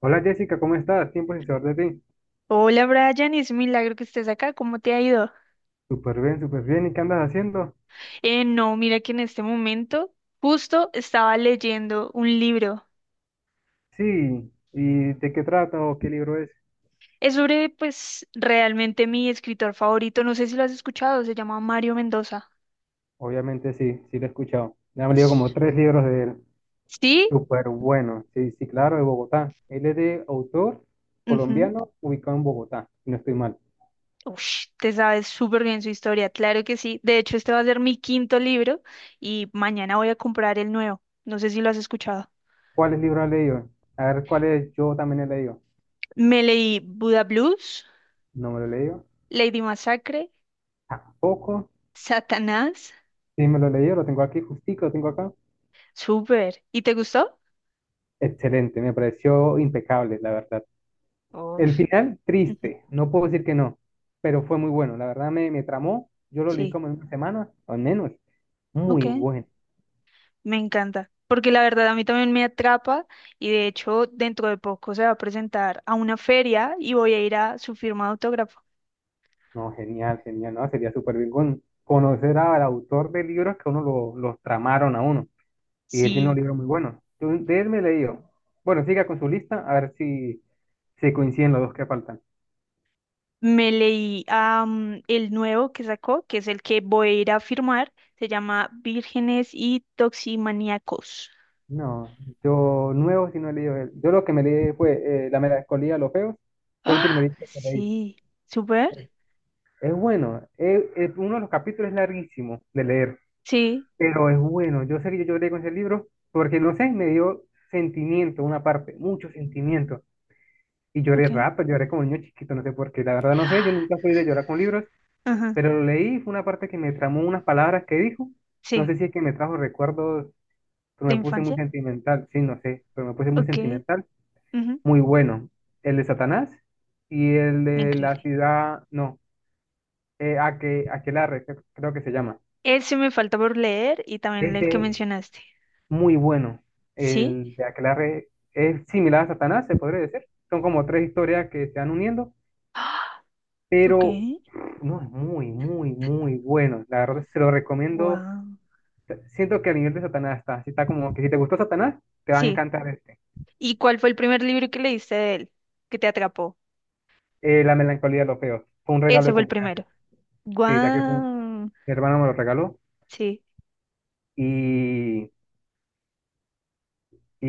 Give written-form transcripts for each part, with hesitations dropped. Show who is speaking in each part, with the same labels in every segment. Speaker 1: Hola Jessica, ¿cómo estás? Tiempo sin saber de ti.
Speaker 2: Hola Brian, es un milagro que estés acá. ¿Cómo te ha ido?
Speaker 1: Súper bien, súper bien. ¿Y qué andas haciendo?
Speaker 2: No, mira que en este momento justo estaba leyendo un libro.
Speaker 1: Sí. ¿Y de qué trata o qué libro es?
Speaker 2: Es sobre, pues, realmente mi escritor favorito. No sé si lo has escuchado, se llama Mario Mendoza.
Speaker 1: Obviamente sí, sí lo he escuchado. Me han leído
Speaker 2: S-
Speaker 1: como tres libros de él.
Speaker 2: ¿Sí?
Speaker 1: Súper bueno. Sí, sí, claro, de Bogotá. Él es de autor
Speaker 2: Ujú.
Speaker 1: colombiano ubicado en Bogotá, si no estoy mal.
Speaker 2: Ush, te sabes súper bien su historia, claro que sí. De hecho, este va a ser mi quinto libro y mañana voy a comprar el nuevo. No sé si lo has escuchado.
Speaker 1: ¿Cuáles libros has leído? A ver, ¿cuáles yo también he leído?
Speaker 2: Me leí Buda Blues,
Speaker 1: No me lo he leído.
Speaker 2: Lady Masacre,
Speaker 1: Tampoco.
Speaker 2: Satanás.
Speaker 1: Sí, me lo he leído, lo tengo aquí justico, lo tengo acá.
Speaker 2: Súper. ¿Y te gustó?
Speaker 1: Excelente, me pareció impecable, la verdad.
Speaker 2: Oh.
Speaker 1: El final,
Speaker 2: Ujú.
Speaker 1: triste, no puedo decir que no, pero fue muy bueno, la verdad me tramó, yo lo leí
Speaker 2: Sí,
Speaker 1: como en una semana, o menos,
Speaker 2: ok,
Speaker 1: muy bueno,
Speaker 2: me encanta. Porque la verdad a mí también me atrapa y de hecho dentro de poco se va a presentar a una feria y voy a ir a su firma de autógrafo.
Speaker 1: no, genial, genial, no, sería súper bien conocer al autor de libros que uno lo, los tramaron a uno, y él tiene un
Speaker 2: Sí.
Speaker 1: libro muy bueno. Yo de él me he leído, bueno, siga con su lista, a ver si, si coinciden los dos que faltan.
Speaker 2: Me leí el nuevo que sacó, que es el que voy a ir a firmar. Se llama Vírgenes y Toximaníacos.
Speaker 1: No, yo nuevo si no he leído él, yo lo que me leí fue La melancolía de los feos, fue el
Speaker 2: Ah,
Speaker 1: primerito que leí.
Speaker 2: sí. ¿Súper?
Speaker 1: Es bueno, uno de los capítulos es larguísimo de leer,
Speaker 2: Sí.
Speaker 1: pero es bueno. Yo sé que yo lloré con ese libro porque, no sé, me dio sentimiento, una parte, mucho sentimiento. Y lloré
Speaker 2: Ok.
Speaker 1: rápido, lloré como niño chiquito, no sé por qué. La verdad no sé, yo
Speaker 2: Ah.
Speaker 1: nunca fui de llorar con libros,
Speaker 2: Ajá.
Speaker 1: pero lo leí, fue una parte que me tramó unas palabras que dijo. No
Speaker 2: Sí.
Speaker 1: sé si es que me trajo recuerdos, pero
Speaker 2: ¿De
Speaker 1: me puse muy
Speaker 2: infancia?
Speaker 1: sentimental. Sí, no sé, pero me puse muy
Speaker 2: Ok.
Speaker 1: sentimental.
Speaker 2: Ujú.
Speaker 1: Muy bueno. El de Satanás y el de la
Speaker 2: Increíble.
Speaker 1: ciudad, no, Aquelarre, creo que se llama.
Speaker 2: Ese me falta por leer y también el
Speaker 1: Ese
Speaker 2: que
Speaker 1: es
Speaker 2: mencionaste.
Speaker 1: muy bueno.
Speaker 2: ¿Sí?
Speaker 1: El de Aquelarre es similar a Satanás, se podría decir. Son como tres historias que se van uniendo,
Speaker 2: Ah. Ok.
Speaker 1: pero no es muy, muy, muy bueno. La verdad, se lo recomiendo.
Speaker 2: Wow.
Speaker 1: Siento que a nivel de Satanás está. Si está como que si te gustó Satanás, te va a
Speaker 2: Sí.
Speaker 1: encantar este.
Speaker 2: ¿Y cuál fue el primer libro que leíste de él que te atrapó?
Speaker 1: La melancolía de los feos. Fue un regalo
Speaker 2: Ese
Speaker 1: de
Speaker 2: fue el
Speaker 1: cumpleaños.
Speaker 2: primero.
Speaker 1: Sí, ya que
Speaker 2: Wow.
Speaker 1: mi hermano me lo regaló
Speaker 2: Sí.
Speaker 1: y, y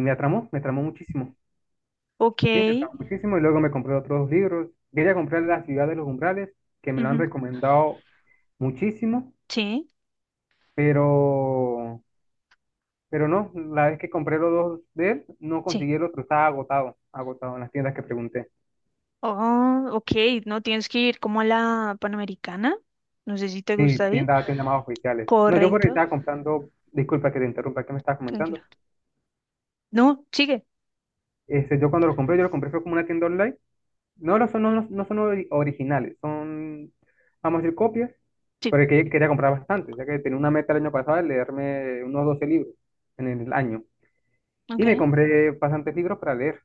Speaker 1: me atramó muchísimo.
Speaker 2: Ok.
Speaker 1: Sí, me pagó muchísimo y luego me compré otros dos libros. Quería comprar La ciudad de los umbrales, que me lo han
Speaker 2: Ujú.
Speaker 1: recomendado muchísimo,
Speaker 2: Sí.
Speaker 1: pero, pero no, la vez que compré los dos de él, no
Speaker 2: Sí.
Speaker 1: conseguí el otro, estaba agotado, agotado en las tiendas que pregunté.
Speaker 2: Oh, ok. No tienes que ir como a la Panamericana. No sé si te
Speaker 1: Sí,
Speaker 2: gusta ir.
Speaker 1: tiendas, tiendas más oficiales. No, yo por ahí
Speaker 2: Correcto.
Speaker 1: estaba comprando, disculpa que te interrumpa, ¿qué me estabas
Speaker 2: Tranquilo.
Speaker 1: comentando?
Speaker 2: No, sigue.
Speaker 1: Este, yo cuando lo compré, yo lo compré fue como una tienda online. No, no son originales, son, vamos a decir, copias,
Speaker 2: Sí.
Speaker 1: pero que quería comprar bastante, ya que tenía una meta el año pasado de leerme unos 12 libros en el año. Y
Speaker 2: Ok.
Speaker 1: me compré bastantes libros para leer.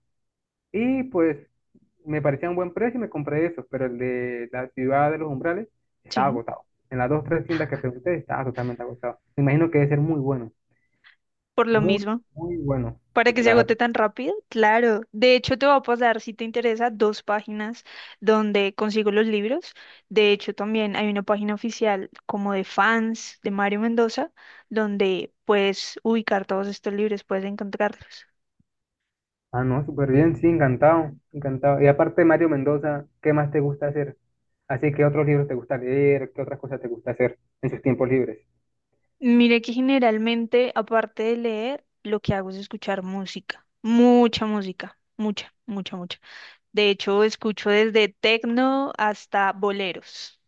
Speaker 1: Y pues me parecía un buen precio y me compré esos, pero el de la ciudad de los umbrales
Speaker 2: Sí.
Speaker 1: estaba agotado. En las dos tres tiendas que pregunté estaba totalmente agotado. Me imagino que debe ser muy bueno,
Speaker 2: Por lo
Speaker 1: muy,
Speaker 2: mismo.
Speaker 1: muy bueno.
Speaker 2: Para
Speaker 1: Sí,
Speaker 2: que se agote
Speaker 1: claro.
Speaker 2: tan rápido, claro. De hecho, te voy a pasar, si te interesa, dos páginas donde consigo los libros. De hecho, también hay una página oficial como de fans de Mario Mendoza, donde puedes ubicar todos estos libros, puedes encontrarlos.
Speaker 1: Ah, no, súper bien, sí, encantado, encantado. Y aparte de Mario Mendoza, ¿qué más te gusta hacer? Así, ¿qué otros libros te gusta leer? ¿Qué otras cosas te gusta hacer en sus tiempos libres?
Speaker 2: Mire que generalmente, aparte de leer, lo que hago es escuchar música. Mucha música, mucha, mucha, mucha. De hecho, escucho desde tecno hasta boleros.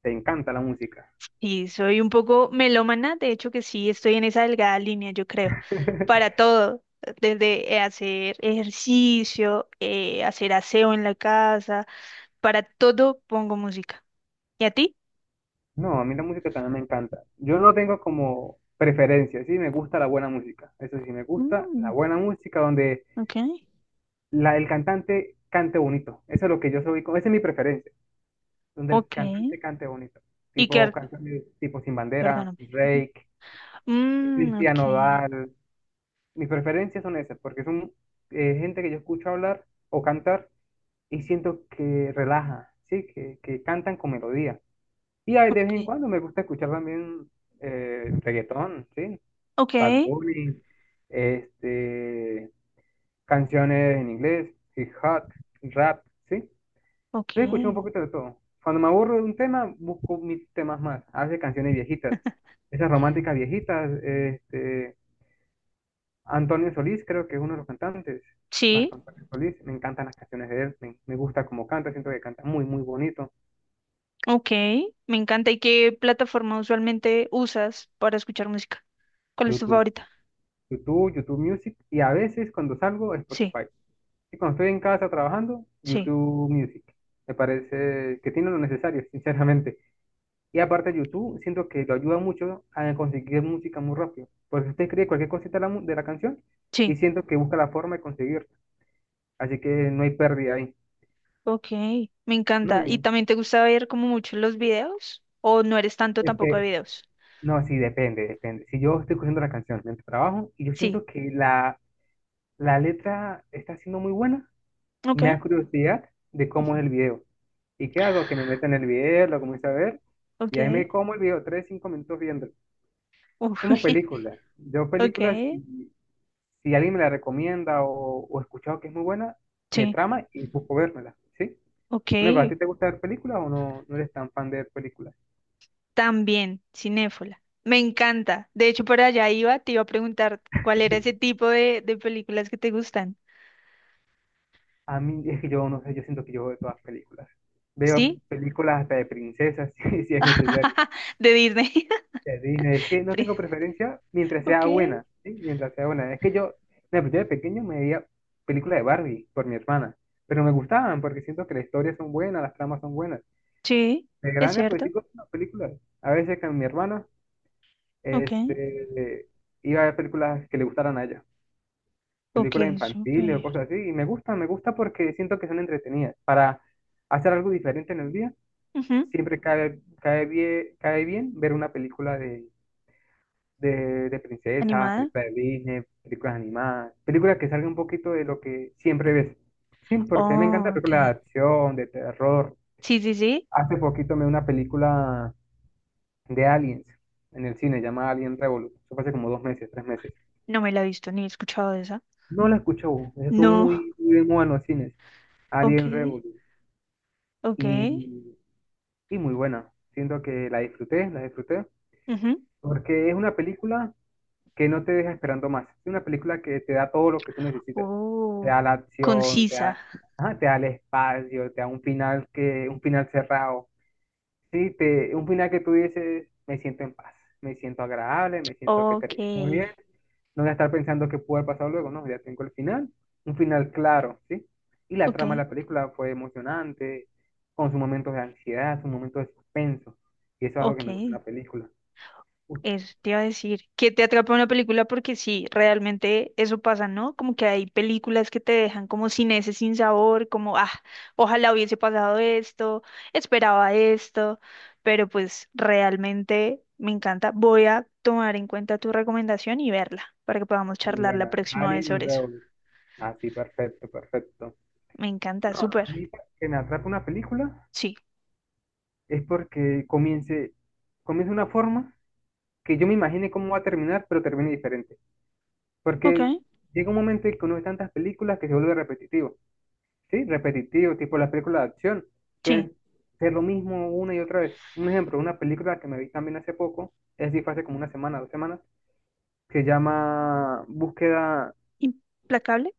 Speaker 1: ¿Te encanta la música?
Speaker 2: Sí, soy un poco melómana, de hecho que sí, estoy en esa delgada línea, yo creo, para todo, desde hacer ejercicio, hacer aseo en la casa, para todo pongo música. ¿Y a ti?
Speaker 1: No, a mí la música también me encanta. Yo no tengo como preferencia, sí, me gusta la buena música. Eso sí, me gusta la
Speaker 2: Mm,
Speaker 1: buena música donde
Speaker 2: ok,
Speaker 1: el cantante cante bonito. Eso es lo que yo soy, esa es mi preferencia, donde el
Speaker 2: ok.
Speaker 1: cantante cante bonito.
Speaker 2: Y que,
Speaker 1: Tipo
Speaker 2: ar-
Speaker 1: canciones tipo Sin Bandera,
Speaker 2: Perdóname. Ujú.
Speaker 1: Drake,
Speaker 2: Mm,
Speaker 1: Cristian
Speaker 2: ok,
Speaker 1: Nodal. Mis preferencias son esas, porque son gente que yo escucho hablar o cantar y siento que relaja, ¿sí? Que cantan con melodía. Y hay de vez en
Speaker 2: ok,
Speaker 1: cuando me gusta escuchar también reggaetón, ¿sí? Bad
Speaker 2: ok,
Speaker 1: Bunny, este, canciones en inglés, hip hop, rap, ¿sí? Entonces
Speaker 2: ok.
Speaker 1: escucho un poquito de todo. Cuando me aburro de un tema, busco mis temas más. A veces canciones viejitas, esas románticas viejitas, este Antonio Solís, creo que es uno de los cantantes. Marco
Speaker 2: Sí,
Speaker 1: Antonio Solís, me encantan las canciones de él, me gusta cómo canta, siento que canta muy, muy bonito.
Speaker 2: ok, me encanta. ¿Y qué plataforma usualmente usas para escuchar música? ¿Cuál es tu
Speaker 1: YouTube,
Speaker 2: favorita?
Speaker 1: YouTube, YouTube Music, y a veces cuando salgo,
Speaker 2: Sí,
Speaker 1: Spotify. Y cuando estoy en casa trabajando,
Speaker 2: sí.
Speaker 1: YouTube Music. Me parece que tiene lo necesario, sinceramente. Y aparte, YouTube siento que lo ayuda mucho a conseguir música muy rápido. Porque usted escribe cualquier cosita de la, de la canción
Speaker 2: Sí.
Speaker 1: y siento que busca la forma de conseguirla. Así que no hay pérdida ahí.
Speaker 2: Ok, me
Speaker 1: No,
Speaker 2: encanta. ¿Y
Speaker 1: hay-
Speaker 2: también te gusta ver como mucho los videos? ¿O no eres tanto tampoco de
Speaker 1: este,
Speaker 2: videos?
Speaker 1: No, sí, depende, depende. Si yo estoy cogiendo la canción mientras trabajo y yo
Speaker 2: Sí,
Speaker 1: siento que la letra está siendo muy buena,
Speaker 2: ok.
Speaker 1: me da curiosidad de cómo
Speaker 2: Ujú.
Speaker 1: es el video. ¿Y qué hago? Que me meta en el video, lo comienzo a ver
Speaker 2: Ok.
Speaker 1: y ahí me como el video, tres, cinco minutos viendo. Es
Speaker 2: Uf.
Speaker 1: como películas. Yo
Speaker 2: Ok.
Speaker 1: películas, si, si alguien me la recomienda o he escuchado que es muy buena, me
Speaker 2: Sí,
Speaker 1: trama y busco vérmela, ¿sí?
Speaker 2: ok.
Speaker 1: Bueno, ¿a ti te gusta ver películas o no, no eres tan fan de ver películas?
Speaker 2: También, cinéfila. Me encanta. De hecho, por allá iba, te iba a preguntar cuál era ese tipo de películas que te gustan.
Speaker 1: A mí es que yo no sé, yo siento que yo veo todas películas. Veo
Speaker 2: ¿Sí?
Speaker 1: películas hasta de princesas, si, si es necesario.
Speaker 2: De Disney.
Speaker 1: De Disney. Es que no
Speaker 2: Pri-
Speaker 1: tengo preferencia mientras
Speaker 2: Ok.
Speaker 1: sea buena, ¿sí? Mientras sea buena. Es que yo, mira, pues yo de pequeño me veía películas de Barbie por mi hermana, pero me gustaban porque siento que las historias son buenas, las tramas son buenas.
Speaker 2: Sí,
Speaker 1: De
Speaker 2: es
Speaker 1: grande, pues sí,
Speaker 2: cierto.
Speaker 1: con las películas. A veces con mi hermana,
Speaker 2: Ok.
Speaker 1: este, iba a ver películas que le gustaran a ella.
Speaker 2: Ok,
Speaker 1: Películas infantiles o
Speaker 2: súper.
Speaker 1: cosas así, y me gusta porque siento que son entretenidas. Para hacer algo diferente en el día,
Speaker 2: Ujú.
Speaker 1: siempre cae, cae bien ver una película de princesas,
Speaker 2: Animada.
Speaker 1: películas de Disney, películas animadas, películas que salgan un poquito de lo que siempre ves. Sí, porque me encanta
Speaker 2: Oh,
Speaker 1: películas de
Speaker 2: ok.
Speaker 1: acción, de terror.
Speaker 2: Sí, sí, sí.
Speaker 1: Hace poquito me vi una película de Aliens en el cine, llamada Alien Revolution. Eso fue hace como dos meses, tres meses.
Speaker 2: No me la he visto ni he escuchado de esa.
Speaker 1: No la escuchó, estuvo
Speaker 2: No.
Speaker 1: muy, muy de moda en los cines.
Speaker 2: Ok,
Speaker 1: Alien Revolution.
Speaker 2: ok.
Speaker 1: y, y muy buena. Siento que la disfruté,
Speaker 2: Ujú.
Speaker 1: porque es una película que no te deja esperando más. Es una película que te da todo lo que tú necesitas. Te
Speaker 2: Oh,
Speaker 1: da la acción, te
Speaker 2: concisa.
Speaker 1: da, ajá, te da el espacio, te da un final que, un final cerrado. Sí, te, un final que tú dices, me siento en paz, me siento agradable, me siento que
Speaker 2: Ok,
Speaker 1: terminó bien, no voy a estar pensando qué puede pasar luego, no, ya tengo el final, un final claro, ¿sí? Y la
Speaker 2: ok,
Speaker 1: trama de la película fue emocionante, con sus momentos de ansiedad, sus momentos de suspenso, y eso es algo que me gusta en
Speaker 2: ok.
Speaker 1: la película. Uf,
Speaker 2: Eso te iba a decir. Que te atrapa una película porque sí, realmente eso pasa, ¿no? Como que hay películas que te dejan como sin ese sin sabor, como, ah, ojalá hubiese pasado esto, esperaba esto, pero pues realmente me encanta. Voy a tomar en cuenta tu recomendación y verla para que podamos
Speaker 1: muy
Speaker 2: charlar la
Speaker 1: buena.
Speaker 2: próxima vez
Speaker 1: Alien
Speaker 2: sobre eso.
Speaker 1: Revolution. Así, perfecto, perfecto.
Speaker 2: Me encanta,
Speaker 1: No, a
Speaker 2: súper.
Speaker 1: mí para que me atrape una película
Speaker 2: Sí.
Speaker 1: es porque comience, comience de una forma que yo me imagine cómo va a terminar, pero termine diferente.
Speaker 2: Ok.
Speaker 1: Porque llega un momento en que uno ve tantas películas que se vuelve repetitivo. Sí, repetitivo, tipo las películas de acción,
Speaker 2: Sí.
Speaker 1: suelen ser lo mismo una y otra vez. Un ejemplo, una película que me vi también hace poco, es decir, fue hace como una semana, dos semanas, se llama Búsqueda,
Speaker 2: ¿Implacable?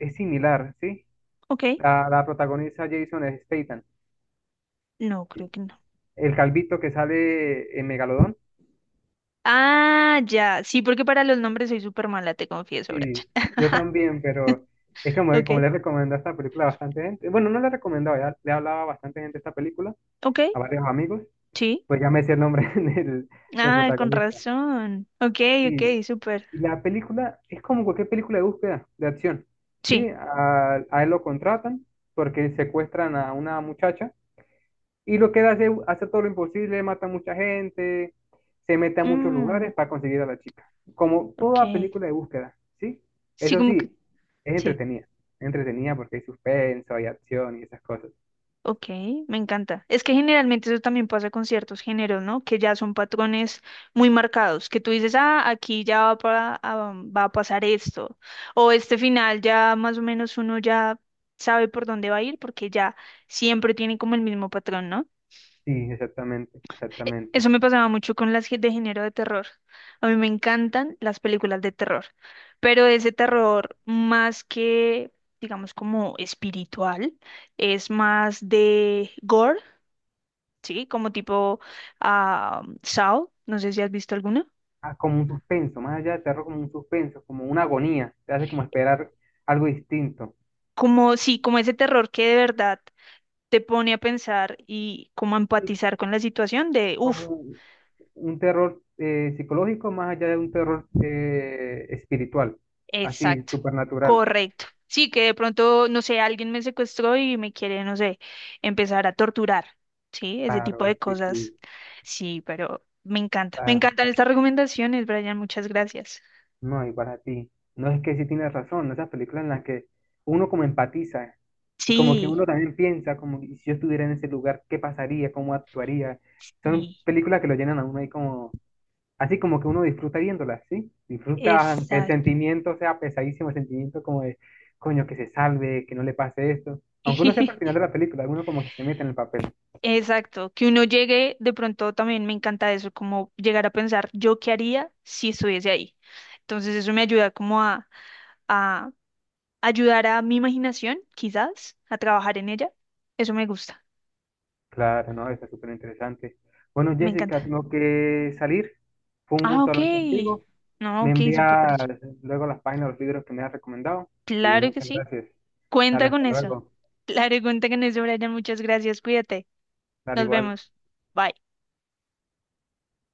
Speaker 1: es similar, ¿sí?
Speaker 2: Ok.
Speaker 1: La protagoniza Jason Statham,
Speaker 2: No, creo que no.
Speaker 1: el calvito que sale en Megalodón,
Speaker 2: Ah, ya. Sí, porque para los nombres soy súper mala, te confieso, Brian.
Speaker 1: y yo también, pero es como,
Speaker 2: Ok.
Speaker 1: como le recomendé esta película a bastante gente, bueno, no le recomendaba, ya le hablaba a bastante gente esta película,
Speaker 2: Ok.
Speaker 1: a varios amigos,
Speaker 2: Sí.
Speaker 1: pues ya me decía el nombre del
Speaker 2: Ah, con
Speaker 1: protagonista.
Speaker 2: razón. Ok,
Speaker 1: Sí,
Speaker 2: ok, súper.
Speaker 1: y la película es como cualquier película de búsqueda, de acción. Sí,
Speaker 2: Sí.
Speaker 1: a él lo contratan porque secuestran a una muchacha y lo que él hace, hace todo lo imposible, mata a mucha gente, se mete a muchos
Speaker 2: Mm,
Speaker 1: lugares para conseguir a la chica. Como toda
Speaker 2: ok.
Speaker 1: película de búsqueda, ¿sí?
Speaker 2: Sí,
Speaker 1: Eso
Speaker 2: como que.
Speaker 1: sí, es
Speaker 2: Sí.
Speaker 1: entretenida. Es entretenida porque hay suspenso, hay acción y esas cosas.
Speaker 2: Ok, me encanta. Es que generalmente eso también pasa con ciertos géneros, ¿no? Que ya son patrones muy marcados, que tú dices, ah, aquí ya va, ah, va a pasar esto, o este final ya más o menos uno ya sabe por dónde va a ir porque ya siempre tiene como el mismo patrón, ¿no?
Speaker 1: Sí, exactamente, exactamente.
Speaker 2: Eso me pasaba mucho con las de género de terror. A mí me encantan las películas de terror, pero ese terror más que, digamos, como espiritual, es más de gore, ¿sí? Como tipo ah, Saw, no sé si has visto alguna.
Speaker 1: Ah, como un suspenso, más allá de terror, como un suspenso, como una agonía. Te hace como esperar algo distinto.
Speaker 2: Como, sí, como ese terror que de verdad te pone a pensar y como a
Speaker 1: Sí,
Speaker 2: empatizar con la situación de,
Speaker 1: como
Speaker 2: uff,
Speaker 1: un terror psicológico más allá de un terror espiritual, así,
Speaker 2: exacto,
Speaker 1: supernatural.
Speaker 2: correcto. Sí, que de pronto, no sé, alguien me secuestró y me quiere, no sé, empezar a torturar, ¿sí? Ese tipo
Speaker 1: Claro,
Speaker 2: de
Speaker 1: sí,
Speaker 2: cosas.
Speaker 1: sí,
Speaker 2: Sí, pero me encanta. Me
Speaker 1: claro.
Speaker 2: encantan estas recomendaciones, Brian, muchas gracias.
Speaker 1: No, y para ti. No es que sí tienes razón, esas películas en las que uno como empatiza y como que
Speaker 2: Sí,
Speaker 1: uno también piensa, como que si yo estuviera en ese lugar, ¿qué pasaría? ¿Cómo actuaría? Son
Speaker 2: sí,
Speaker 1: películas que lo llenan a uno ahí como. Así como que uno disfruta viéndolas, ¿sí? Disfruta aunque el
Speaker 2: exacto.
Speaker 1: sentimiento sea pesadísimo, el sentimiento como de, coño, que se salve, que no le pase esto. Aunque uno sepa al final de la película, uno como que se mete en el papel.
Speaker 2: Exacto, que uno llegue, de pronto también me encanta eso, como llegar a pensar yo qué haría si estuviese ahí. Entonces eso me ayuda como a ayudar a mi imaginación, quizás, a trabajar en ella. Eso me gusta,
Speaker 1: Claro, no, está súper interesante. Bueno,
Speaker 2: me encanta.
Speaker 1: Jessica, tengo que salir. Fue un
Speaker 2: Ah,
Speaker 1: gusto
Speaker 2: ok.
Speaker 1: hablar contigo.
Speaker 2: No,
Speaker 1: Me
Speaker 2: ok, súper
Speaker 1: envías
Speaker 2: parecido.
Speaker 1: luego las páginas, los libros que me has recomendado. Y
Speaker 2: Claro que
Speaker 1: muchas
Speaker 2: sí.
Speaker 1: gracias. Dale,
Speaker 2: Cuenta con
Speaker 1: hasta
Speaker 2: eso.
Speaker 1: luego.
Speaker 2: Claro, cuenta con eso, Brian. Muchas gracias. Cuídate.
Speaker 1: Dale
Speaker 2: Nos
Speaker 1: igual.
Speaker 2: vemos. Bye.